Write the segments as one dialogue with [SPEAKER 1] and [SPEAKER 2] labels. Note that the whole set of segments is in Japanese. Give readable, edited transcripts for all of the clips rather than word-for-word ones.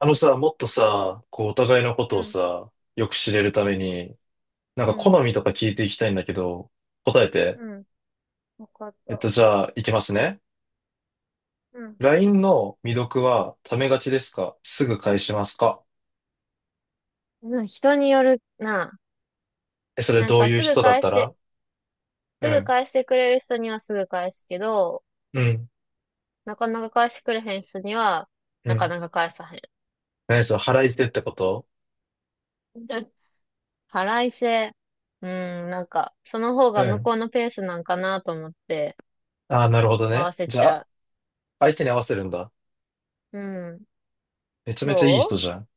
[SPEAKER 1] あのさ、もっとさ、こう、お互いのこ
[SPEAKER 2] う
[SPEAKER 1] とを
[SPEAKER 2] ん、
[SPEAKER 1] さ、よく知れるために、なん
[SPEAKER 2] う
[SPEAKER 1] か
[SPEAKER 2] ん、
[SPEAKER 1] 好みとか聞いていきたいんだけど、答えて。
[SPEAKER 2] うん。わかった。
[SPEAKER 1] じゃあ、いきますね。
[SPEAKER 2] うん。
[SPEAKER 1] LINE の未読は、ためがちですか？すぐ返しますか？
[SPEAKER 2] うん、人によるな。
[SPEAKER 1] え、それ
[SPEAKER 2] なん
[SPEAKER 1] どう
[SPEAKER 2] か
[SPEAKER 1] いう
[SPEAKER 2] すぐ
[SPEAKER 1] 人だっ
[SPEAKER 2] 返
[SPEAKER 1] た
[SPEAKER 2] して、
[SPEAKER 1] ら？う
[SPEAKER 2] すぐ
[SPEAKER 1] ん、
[SPEAKER 2] 返してくれる人にはすぐ返すけど、
[SPEAKER 1] うん、
[SPEAKER 2] なかなか返してくれへん人には、
[SPEAKER 1] う
[SPEAKER 2] なか
[SPEAKER 1] ん。
[SPEAKER 2] なか返さへん。
[SPEAKER 1] 何それ、腹いせってこと？
[SPEAKER 2] 払いせ、うん、なんか、その方
[SPEAKER 1] う
[SPEAKER 2] が向こ
[SPEAKER 1] ん。
[SPEAKER 2] うのペースなんかなと思って、
[SPEAKER 1] ああ、なるほど
[SPEAKER 2] 合わ
[SPEAKER 1] ね。
[SPEAKER 2] せ
[SPEAKER 1] じ
[SPEAKER 2] ち
[SPEAKER 1] ゃあ、
[SPEAKER 2] ゃ
[SPEAKER 1] 相手に合わせるんだ。
[SPEAKER 2] う。うん。
[SPEAKER 1] めちゃ
[SPEAKER 2] ど
[SPEAKER 1] めちゃいい人
[SPEAKER 2] う
[SPEAKER 1] じゃん。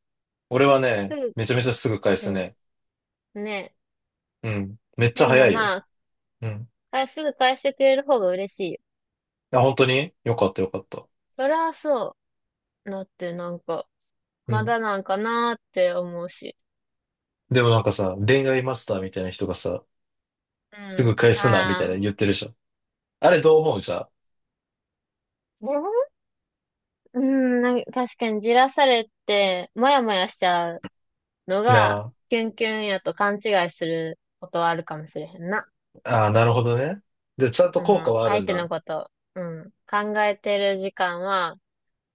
[SPEAKER 1] 俺は
[SPEAKER 2] す
[SPEAKER 1] ね、めちゃめちゃすぐ返
[SPEAKER 2] ぐ、
[SPEAKER 1] す
[SPEAKER 2] う
[SPEAKER 1] ね。
[SPEAKER 2] ん。ね。
[SPEAKER 1] うん。めっちゃ
[SPEAKER 2] でも
[SPEAKER 1] 早いよ。
[SPEAKER 2] まあ、
[SPEAKER 1] うん。
[SPEAKER 2] あ、すぐ返してくれる方が嬉しいよ。
[SPEAKER 1] あ、本当によかったよかった。
[SPEAKER 2] そりゃそう。だってなんか、
[SPEAKER 1] う
[SPEAKER 2] ま
[SPEAKER 1] ん。
[SPEAKER 2] だなんかなーって思うし。
[SPEAKER 1] でもなんかさ、恋愛マスターみたいな人がさ、す
[SPEAKER 2] う
[SPEAKER 1] ぐ返
[SPEAKER 2] ん。
[SPEAKER 1] すな、みたいな
[SPEAKER 2] あ
[SPEAKER 1] 言
[SPEAKER 2] あ。
[SPEAKER 1] ってるじゃん。あれどう思う？じゃ
[SPEAKER 2] でも、うん、なんか確かにじらされて、もやもやしちゃうの
[SPEAKER 1] ん。
[SPEAKER 2] が、
[SPEAKER 1] な
[SPEAKER 2] キュンキュンやと勘違いすることはあるかもしれへんな。
[SPEAKER 1] あ、ああ、なるほどね。で、ちゃんと
[SPEAKER 2] そ
[SPEAKER 1] 効果
[SPEAKER 2] の、
[SPEAKER 1] はある
[SPEAKER 2] 相
[SPEAKER 1] ん
[SPEAKER 2] 手の
[SPEAKER 1] だ。
[SPEAKER 2] こと、うん、考えてる時間は、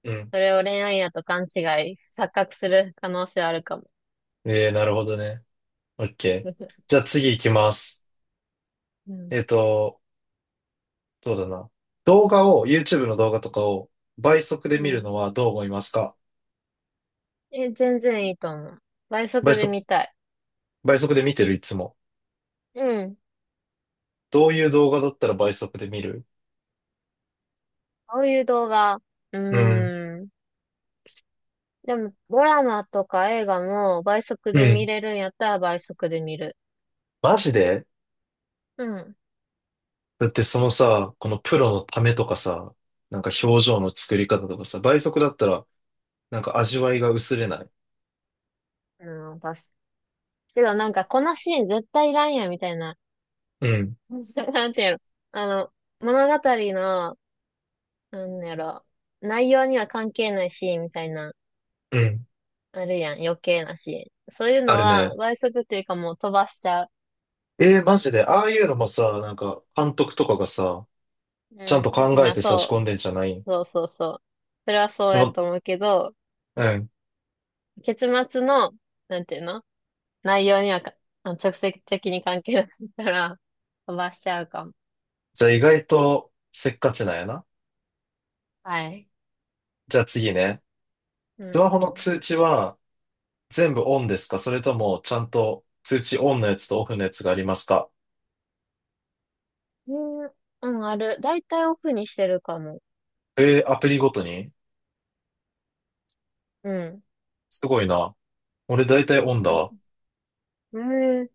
[SPEAKER 1] うん。
[SPEAKER 2] それを恋愛やと勘違い、錯覚する可能性はあるかも。
[SPEAKER 1] ええ、なるほどね。オッケー。じ ゃあ次行きます。
[SPEAKER 2] う
[SPEAKER 1] え
[SPEAKER 2] ん。
[SPEAKER 1] っと、そうだな。動画を、YouTube の動画とかを倍速で
[SPEAKER 2] う
[SPEAKER 1] 見る
[SPEAKER 2] ん。
[SPEAKER 1] のはどう思いますか？
[SPEAKER 2] え、全然いいと思う。倍
[SPEAKER 1] 倍
[SPEAKER 2] 速で
[SPEAKER 1] 速、
[SPEAKER 2] 見たい。
[SPEAKER 1] 倍速で見てるいつも。
[SPEAKER 2] うん。
[SPEAKER 1] どういう動画だったら倍速で見る？
[SPEAKER 2] こういう動画、う
[SPEAKER 1] うん。
[SPEAKER 2] ーん。でも、ドラマとか映画も倍速
[SPEAKER 1] う
[SPEAKER 2] で見
[SPEAKER 1] ん。
[SPEAKER 2] れるんやったら倍速で見る。
[SPEAKER 1] マジで。
[SPEAKER 2] うん。
[SPEAKER 1] だってそのさ、このプロのためとかさ、なんか表情の作り方とかさ、倍速だったら、なんか味わいが薄れない？
[SPEAKER 2] うん、確かけどなんか、このシーン絶対いらんやん、みたいな。
[SPEAKER 1] うん、
[SPEAKER 2] なんていうの。あの、物語の、なんやろ、内容には関係ないシーンみたいな、
[SPEAKER 1] うん。
[SPEAKER 2] あるやん、余計なシーン。そういう
[SPEAKER 1] あ
[SPEAKER 2] の
[SPEAKER 1] れね。
[SPEAKER 2] は、倍速っていうかもう飛ばしちゃう。
[SPEAKER 1] えー、マジで、ああいうのもさ、なんか監督とかがさ、ちゃん
[SPEAKER 2] う
[SPEAKER 1] と
[SPEAKER 2] ん。
[SPEAKER 1] 考
[SPEAKER 2] ま
[SPEAKER 1] え
[SPEAKER 2] あ、
[SPEAKER 1] て差し
[SPEAKER 2] そう。
[SPEAKER 1] 込んでんじゃない？
[SPEAKER 2] そうそうそう。それはそう
[SPEAKER 1] で
[SPEAKER 2] や
[SPEAKER 1] も、
[SPEAKER 2] と思うけど、
[SPEAKER 1] うん。
[SPEAKER 2] 結末の、なんていうの、内容にはか、直接的に関係なかったら、飛ばしちゃうかも。
[SPEAKER 1] じゃあ意外とせっかちなんやな。
[SPEAKER 2] はい。
[SPEAKER 1] じゃあ次ね。
[SPEAKER 2] う
[SPEAKER 1] スマ
[SPEAKER 2] ん。
[SPEAKER 1] ホの通知は全部オンですか？それともちゃんと通知オンのやつとオフのやつがありますか？
[SPEAKER 2] えーうん、ある。だいたいオフにしてるかも。
[SPEAKER 1] えー、アプリごとに？
[SPEAKER 2] うん。
[SPEAKER 1] すごいな。俺大体オンだ
[SPEAKER 2] なんか
[SPEAKER 1] わ。
[SPEAKER 2] えー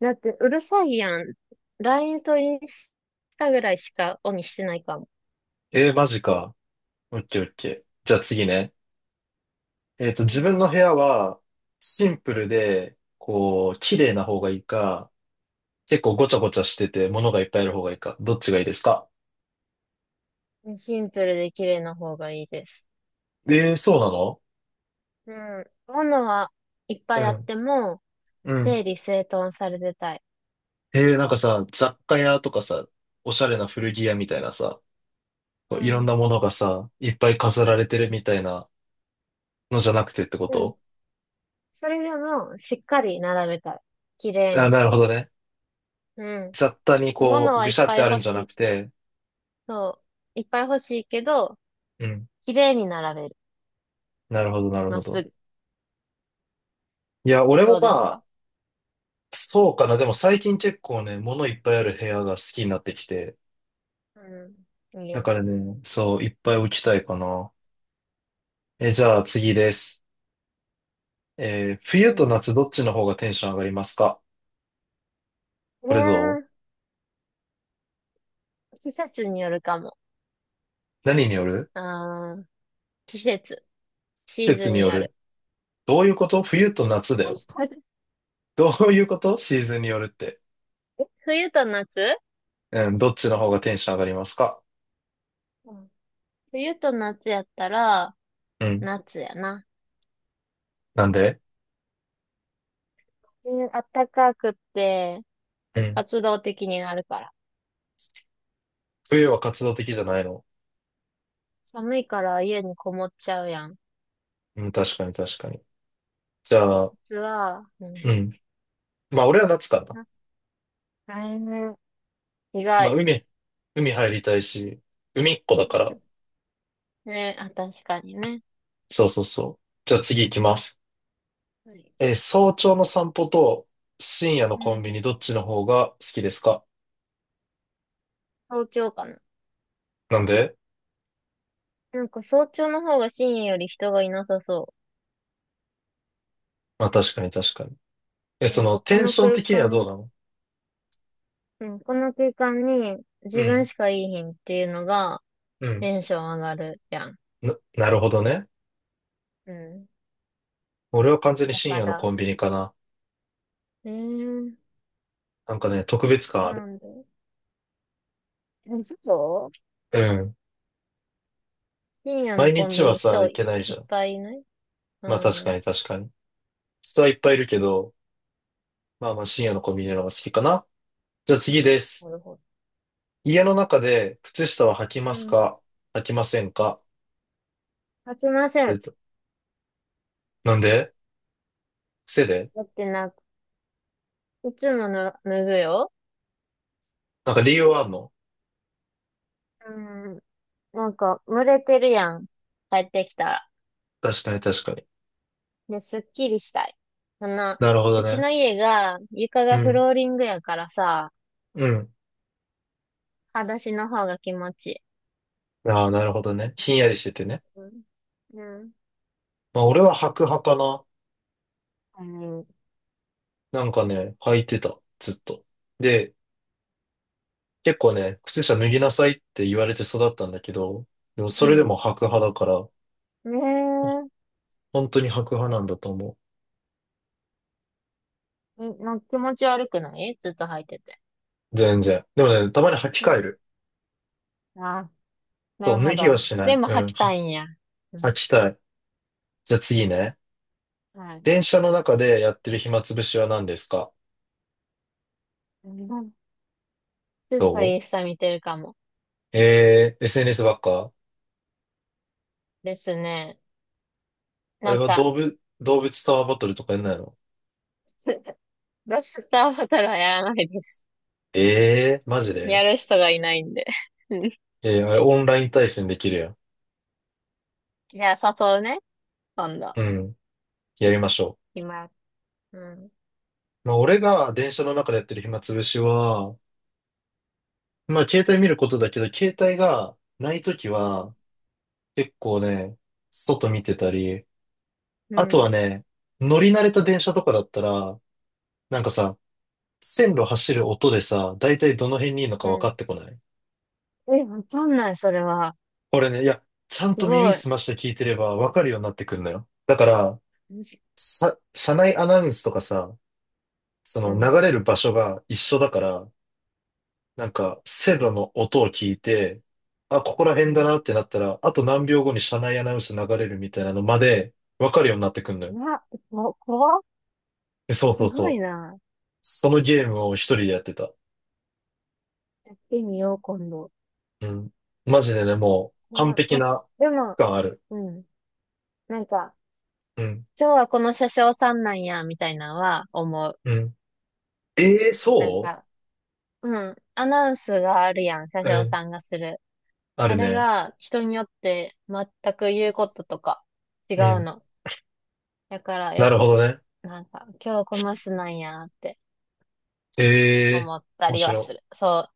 [SPEAKER 2] だって、うるさいやん。LINE とインスタぐらいしかオンにしてないかも。
[SPEAKER 1] えー、マジか。オッケーオッケー。じゃあ次ね。
[SPEAKER 2] う
[SPEAKER 1] 自分の部屋はシンプルで、こう、綺麗な方がいいか、結構ごちゃごちゃしてて物がいっぱいある方がいいか、どっちがいいですか？
[SPEAKER 2] ん。シンプルで綺麗な方がいいです。
[SPEAKER 1] えー、そうなの？
[SPEAKER 2] うん。ものはいっぱいあっても、
[SPEAKER 1] うん、う
[SPEAKER 2] 整
[SPEAKER 1] ん。
[SPEAKER 2] 理整頓されてたい。
[SPEAKER 1] えー、なんかさ、雑貨屋とかさ、おしゃれな古着屋みたいなさ、こ
[SPEAKER 2] う
[SPEAKER 1] ういろん
[SPEAKER 2] ん。
[SPEAKER 1] なものがさ、いっぱい飾られてるみたいなのじゃなくてってこ
[SPEAKER 2] うん。
[SPEAKER 1] と？
[SPEAKER 2] それでも、しっかり並べたい。綺麗
[SPEAKER 1] あ、
[SPEAKER 2] に。
[SPEAKER 1] なるほどね。
[SPEAKER 2] うん。
[SPEAKER 1] 雑多にこ
[SPEAKER 2] 物
[SPEAKER 1] う、
[SPEAKER 2] は
[SPEAKER 1] ぐ
[SPEAKER 2] い
[SPEAKER 1] し
[SPEAKER 2] っ
[SPEAKER 1] ゃっ
[SPEAKER 2] ぱい
[SPEAKER 1] てある
[SPEAKER 2] 欲
[SPEAKER 1] んじゃ
[SPEAKER 2] し
[SPEAKER 1] な
[SPEAKER 2] い。
[SPEAKER 1] くて、
[SPEAKER 2] そう。いっぱい欲しいけど、
[SPEAKER 1] うん。
[SPEAKER 2] 綺麗に並べる。
[SPEAKER 1] なるほど、なる
[SPEAKER 2] ま
[SPEAKER 1] ほ
[SPEAKER 2] っす
[SPEAKER 1] ど。
[SPEAKER 2] ぐ。
[SPEAKER 1] いや、俺も
[SPEAKER 2] どう
[SPEAKER 1] ま
[SPEAKER 2] です
[SPEAKER 1] あ、
[SPEAKER 2] か？
[SPEAKER 1] そうかな。でも最近結構ね、物いっぱいある部屋が好きになってきて。
[SPEAKER 2] うん。いい
[SPEAKER 1] だ
[SPEAKER 2] や
[SPEAKER 1] か
[SPEAKER 2] ん。
[SPEAKER 1] らね、そう、いっぱい置きたいかな。え、じゃあ次です。
[SPEAKER 2] う
[SPEAKER 1] 冬と
[SPEAKER 2] ん。
[SPEAKER 1] 夏どっちの方がテンション上がりますか？
[SPEAKER 2] う
[SPEAKER 1] これどう？
[SPEAKER 2] ー季節によるかも。
[SPEAKER 1] 何による？
[SPEAKER 2] あー季節。
[SPEAKER 1] 季
[SPEAKER 2] シー
[SPEAKER 1] 節
[SPEAKER 2] ズン
[SPEAKER 1] に
[SPEAKER 2] に
[SPEAKER 1] よ
[SPEAKER 2] よる。
[SPEAKER 1] る。どういうこと？冬と夏だよ。どういうこと？シーズンによるって。
[SPEAKER 2] 冬と夏。
[SPEAKER 1] うん、どっちの方がテンション上がりますか？
[SPEAKER 2] うん。冬と夏やったら、
[SPEAKER 1] うん。
[SPEAKER 2] 夏やな。
[SPEAKER 1] なんで？
[SPEAKER 2] うん、暖かくって、
[SPEAKER 1] うん。
[SPEAKER 2] 活動的になるから。
[SPEAKER 1] 冬は活動的じゃないの？
[SPEAKER 2] 寒いから家にこもっちゃうやん。
[SPEAKER 1] うん、確かに確かに。じゃあ、
[SPEAKER 2] 夏は、うん。
[SPEAKER 1] うん。まあ俺は夏かな。
[SPEAKER 2] あ、来年、意
[SPEAKER 1] まあ、
[SPEAKER 2] 外。
[SPEAKER 1] 海入りたいし、海っ子だから。
[SPEAKER 2] ね、あ、確かにね。
[SPEAKER 1] そうそうそう。じゃあ次行きます。
[SPEAKER 2] はい。
[SPEAKER 1] 早朝の散歩と深夜の
[SPEAKER 2] う
[SPEAKER 1] コンビ
[SPEAKER 2] ん。
[SPEAKER 1] ニどっちの方が好きですか？
[SPEAKER 2] 早朝かな。
[SPEAKER 1] なんで？
[SPEAKER 2] なんか早朝の方が深夜より人がいなさそ
[SPEAKER 1] まあ確かに確かに。え、
[SPEAKER 2] う。な
[SPEAKER 1] そ
[SPEAKER 2] ん
[SPEAKER 1] の
[SPEAKER 2] かこ
[SPEAKER 1] テン
[SPEAKER 2] の
[SPEAKER 1] ション
[SPEAKER 2] 空
[SPEAKER 1] 的にはどう
[SPEAKER 2] 間、
[SPEAKER 1] なの？
[SPEAKER 2] うん、この空間に
[SPEAKER 1] う
[SPEAKER 2] 自分
[SPEAKER 1] ん、
[SPEAKER 2] しかいいひんっていうのが
[SPEAKER 1] うん。
[SPEAKER 2] テンション上がるやん。
[SPEAKER 1] なるほどね。
[SPEAKER 2] うん。
[SPEAKER 1] 俺は完全に
[SPEAKER 2] だ
[SPEAKER 1] 深
[SPEAKER 2] か
[SPEAKER 1] 夜の
[SPEAKER 2] ら、
[SPEAKER 1] コンビニかな。
[SPEAKER 2] えー、
[SPEAKER 1] なんかね、特別感ある。
[SPEAKER 2] なんで、え、そう、
[SPEAKER 1] うん。
[SPEAKER 2] 深夜の
[SPEAKER 1] 毎
[SPEAKER 2] コン
[SPEAKER 1] 日
[SPEAKER 2] ビ
[SPEAKER 1] は
[SPEAKER 2] ニ
[SPEAKER 1] さ、
[SPEAKER 2] 人
[SPEAKER 1] 行
[SPEAKER 2] い
[SPEAKER 1] けないじ
[SPEAKER 2] っ
[SPEAKER 1] ゃん。
[SPEAKER 2] ぱいいない、う
[SPEAKER 1] まあ確か
[SPEAKER 2] ん。
[SPEAKER 1] に確かに。人はいっぱいいるけど、まあまあ深夜のコンビニの方が好きかな。じゃあ次です。
[SPEAKER 2] なるほど。
[SPEAKER 1] 家の中で靴下は履き
[SPEAKER 2] う
[SPEAKER 1] ます
[SPEAKER 2] ん。
[SPEAKER 1] か？履きませんか？
[SPEAKER 2] 勝ちません。
[SPEAKER 1] え？なんで？癖で？
[SPEAKER 2] だってな、いつもの脱ぐよ。
[SPEAKER 1] なんか理由はあんの？
[SPEAKER 2] うん。なんか、蒸れてるやん。帰ってきたら。
[SPEAKER 1] 確かに確かに。
[SPEAKER 2] で、すっきりしたい。あの、
[SPEAKER 1] なるほど
[SPEAKER 2] うち
[SPEAKER 1] ね。
[SPEAKER 2] の家が、床
[SPEAKER 1] う
[SPEAKER 2] がフ
[SPEAKER 1] ん。
[SPEAKER 2] ローリングやからさ、
[SPEAKER 1] うん。
[SPEAKER 2] 裸足の方が気持ちいい。
[SPEAKER 1] ああ、なるほどね。ひんやりしててね。
[SPEAKER 2] うん。うん、
[SPEAKER 1] まあ俺は履く派かな。
[SPEAKER 2] うん、
[SPEAKER 1] なんかね、履いてた。ずっと。で、結構ね、靴下脱ぎなさいって言われて育ったんだけど、でもそれでも履く派だから、
[SPEAKER 2] ね
[SPEAKER 1] 本当に履く派なんだと思
[SPEAKER 2] え。え、なんか気持ち悪くないずっと履いてて。
[SPEAKER 1] う。全然。でもね、たまに履き
[SPEAKER 2] う
[SPEAKER 1] 替え
[SPEAKER 2] ん、
[SPEAKER 1] る。
[SPEAKER 2] ああ、な
[SPEAKER 1] そ
[SPEAKER 2] る
[SPEAKER 1] う、脱
[SPEAKER 2] ほ
[SPEAKER 1] ぎは
[SPEAKER 2] ど。
[SPEAKER 1] しな
[SPEAKER 2] で
[SPEAKER 1] い。
[SPEAKER 2] も
[SPEAKER 1] う
[SPEAKER 2] 履
[SPEAKER 1] ん。
[SPEAKER 2] きた
[SPEAKER 1] は
[SPEAKER 2] いんや。う
[SPEAKER 1] 履
[SPEAKER 2] ん。
[SPEAKER 1] きたい。じゃあ次ね。
[SPEAKER 2] はい。
[SPEAKER 1] 電車の中でやってる暇つぶしは何ですか？
[SPEAKER 2] うん、ずっと
[SPEAKER 1] ど
[SPEAKER 2] インスタ見てるかも。
[SPEAKER 1] う？えー、SNS ばっか？
[SPEAKER 2] ですね。
[SPEAKER 1] あ
[SPEAKER 2] な
[SPEAKER 1] れ
[SPEAKER 2] ん
[SPEAKER 1] は
[SPEAKER 2] か、
[SPEAKER 1] 動物タワーバトルとかやんないの？
[SPEAKER 2] ロスターボトルはやらないです。
[SPEAKER 1] えー、マジ
[SPEAKER 2] や
[SPEAKER 1] で？
[SPEAKER 2] る人がいないんで。うん、
[SPEAKER 1] えー、あれオンライン対戦できるやん。
[SPEAKER 2] いや、誘うね。今度。
[SPEAKER 1] うん、やりましょ
[SPEAKER 2] 今、うん、
[SPEAKER 1] う。まあ、俺が電車の中でやってる暇つぶしは、まあ、携帯見ることだけど、携帯がないとき
[SPEAKER 2] うん、
[SPEAKER 1] は、結構ね、外見てたり、
[SPEAKER 2] う
[SPEAKER 1] あとは
[SPEAKER 2] ん、
[SPEAKER 1] ね、乗り慣れた電車とかだったら、なんかさ、線路走る音でさ、だいたいどの辺にいるのか
[SPEAKER 2] う
[SPEAKER 1] 分か
[SPEAKER 2] ん、
[SPEAKER 1] ってこない？
[SPEAKER 2] え、わかんない、それは。
[SPEAKER 1] これね、いや、ちゃん
[SPEAKER 2] す
[SPEAKER 1] と耳
[SPEAKER 2] ごい。
[SPEAKER 1] 澄まして聞いてればわかるようになってくるのよ。だから、
[SPEAKER 2] むし
[SPEAKER 1] さ、車内アナウンスとかさ、そ
[SPEAKER 2] う
[SPEAKER 1] の流
[SPEAKER 2] ん、
[SPEAKER 1] れる場所が一緒だから、なんか線路の音を聞いて、あ、ここら
[SPEAKER 2] う
[SPEAKER 1] 辺だ
[SPEAKER 2] ん。
[SPEAKER 1] なってなったら、あと何秒後に車内アナウンス流れるみたいなのまでわかるようになってくるのよ。
[SPEAKER 2] な、怖っ。
[SPEAKER 1] え、そうそ
[SPEAKER 2] す
[SPEAKER 1] うそ
[SPEAKER 2] ごい
[SPEAKER 1] う。
[SPEAKER 2] な。
[SPEAKER 1] そのゲームを一人でやってた。
[SPEAKER 2] やってみよう、今度。
[SPEAKER 1] うん。マジでね、もう完
[SPEAKER 2] 怖っ、
[SPEAKER 1] 璧
[SPEAKER 2] あ、
[SPEAKER 1] な
[SPEAKER 2] でも、
[SPEAKER 1] 区間ある。
[SPEAKER 2] うん。なんか、
[SPEAKER 1] うん。
[SPEAKER 2] 今日はこの車掌さんなんや、みたいなのは思う。
[SPEAKER 1] うん。ええ、
[SPEAKER 2] なん
[SPEAKER 1] そ
[SPEAKER 2] か、うん。アナウンスがあるやん、車
[SPEAKER 1] う。う
[SPEAKER 2] 掌
[SPEAKER 1] ん。
[SPEAKER 2] さんがする。
[SPEAKER 1] あ
[SPEAKER 2] あ
[SPEAKER 1] る
[SPEAKER 2] れ
[SPEAKER 1] ね。
[SPEAKER 2] が人によって全く言うこととか違
[SPEAKER 1] う
[SPEAKER 2] う
[SPEAKER 1] ん。
[SPEAKER 2] の。だから
[SPEAKER 1] な
[SPEAKER 2] よ
[SPEAKER 1] るほ
[SPEAKER 2] く、
[SPEAKER 1] どね。
[SPEAKER 2] なんか、今日この人なんやって
[SPEAKER 1] ええ、
[SPEAKER 2] 思った
[SPEAKER 1] 面
[SPEAKER 2] りはす
[SPEAKER 1] 白
[SPEAKER 2] る。そ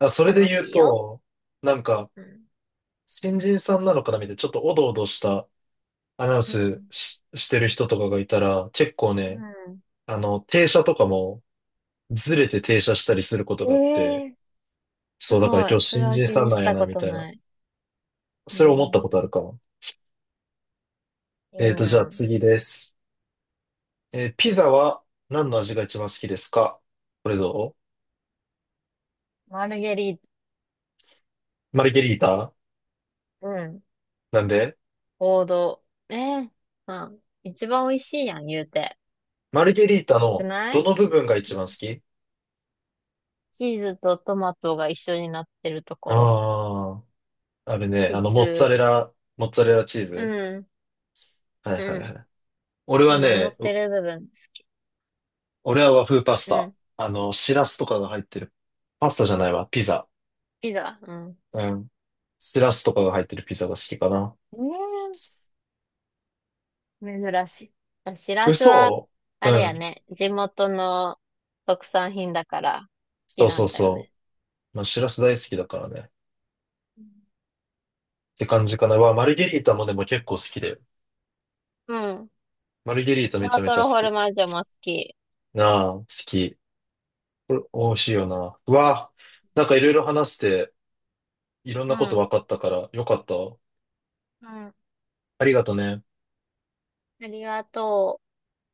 [SPEAKER 1] い。あ、それ
[SPEAKER 2] う、
[SPEAKER 1] で
[SPEAKER 2] 楽
[SPEAKER 1] 言
[SPEAKER 2] し
[SPEAKER 1] う
[SPEAKER 2] いよ。
[SPEAKER 1] と、なんか、
[SPEAKER 2] うん。
[SPEAKER 1] 新人さんなのかなみたいな、ちょっとおどおどしたアナウン
[SPEAKER 2] う
[SPEAKER 1] ス
[SPEAKER 2] ん。
[SPEAKER 1] してる人とかがいたら、結構
[SPEAKER 2] う
[SPEAKER 1] ね、
[SPEAKER 2] ん。
[SPEAKER 1] 停車とかもずれて停車したりすること
[SPEAKER 2] え
[SPEAKER 1] があって、
[SPEAKER 2] えー、
[SPEAKER 1] そう、
[SPEAKER 2] す
[SPEAKER 1] だから
[SPEAKER 2] ご
[SPEAKER 1] 今
[SPEAKER 2] い。
[SPEAKER 1] 日
[SPEAKER 2] それ
[SPEAKER 1] 新
[SPEAKER 2] は
[SPEAKER 1] 人
[SPEAKER 2] 気
[SPEAKER 1] さん
[SPEAKER 2] に
[SPEAKER 1] な
[SPEAKER 2] し
[SPEAKER 1] んや
[SPEAKER 2] た
[SPEAKER 1] な、
[SPEAKER 2] こ
[SPEAKER 1] み
[SPEAKER 2] と
[SPEAKER 1] たいな。
[SPEAKER 2] ない。う
[SPEAKER 1] それ思ったこと
[SPEAKER 2] ん。
[SPEAKER 1] あるかも。
[SPEAKER 2] いい
[SPEAKER 1] じゃあ
[SPEAKER 2] な。
[SPEAKER 1] 次です。ピザは何の味が一番好きですか？これど
[SPEAKER 2] マルゲリー
[SPEAKER 1] う？マルゲリータ。
[SPEAKER 2] タ、うん。
[SPEAKER 1] なんで？
[SPEAKER 2] 王道。ええ、まあ、一番美味しいやん、言うて。
[SPEAKER 1] マルゲリータ
[SPEAKER 2] く
[SPEAKER 1] の
[SPEAKER 2] な
[SPEAKER 1] ど
[SPEAKER 2] い、
[SPEAKER 1] の部分が一
[SPEAKER 2] う
[SPEAKER 1] 番好
[SPEAKER 2] ん、
[SPEAKER 1] き？
[SPEAKER 2] チーズとトマトが一緒になってると
[SPEAKER 1] あ
[SPEAKER 2] ころ。
[SPEAKER 1] あー。あれね、
[SPEAKER 2] 普通。
[SPEAKER 1] モッツァレラチー
[SPEAKER 2] う
[SPEAKER 1] ズ。
[SPEAKER 2] ん、
[SPEAKER 1] はいは
[SPEAKER 2] う
[SPEAKER 1] いは
[SPEAKER 2] ん。
[SPEAKER 1] い。俺は
[SPEAKER 2] 乗
[SPEAKER 1] ね、
[SPEAKER 2] ってる部分好き。
[SPEAKER 1] 俺は和風パス
[SPEAKER 2] う
[SPEAKER 1] タ。
[SPEAKER 2] ん。好
[SPEAKER 1] シラスとかが入ってる。パスタじゃないわ、ピザ。
[SPEAKER 2] きだ。うん。
[SPEAKER 1] うん。シラスとかが入ってるピザが好きかな。
[SPEAKER 2] ええ、珍しい。あ、しらすは、
[SPEAKER 1] 嘘。う
[SPEAKER 2] あれや
[SPEAKER 1] ん。
[SPEAKER 2] ね、地元の特産品だから好
[SPEAKER 1] そ
[SPEAKER 2] き
[SPEAKER 1] う
[SPEAKER 2] な
[SPEAKER 1] そ
[SPEAKER 2] ん
[SPEAKER 1] う
[SPEAKER 2] だよ
[SPEAKER 1] そ
[SPEAKER 2] ね。
[SPEAKER 1] う。まあ、シラス大好きだからね。
[SPEAKER 2] うん。
[SPEAKER 1] って感じかな。わ、マルゲリータもでも結構好きだよ。
[SPEAKER 2] うん、
[SPEAKER 1] マルゲリータめ
[SPEAKER 2] タ
[SPEAKER 1] ちゃ
[SPEAKER 2] ー
[SPEAKER 1] め
[SPEAKER 2] ト
[SPEAKER 1] ちゃ好
[SPEAKER 2] ルホル
[SPEAKER 1] き。
[SPEAKER 2] マージョも好き。
[SPEAKER 1] なあ、好き。これ、美味しいよな。うわ、なんかいろいろ話して、いろん
[SPEAKER 2] う
[SPEAKER 1] なこと
[SPEAKER 2] ん。
[SPEAKER 1] 分かったから、よかったわ。
[SPEAKER 2] うん。
[SPEAKER 1] ありがとね。
[SPEAKER 2] ありがとう。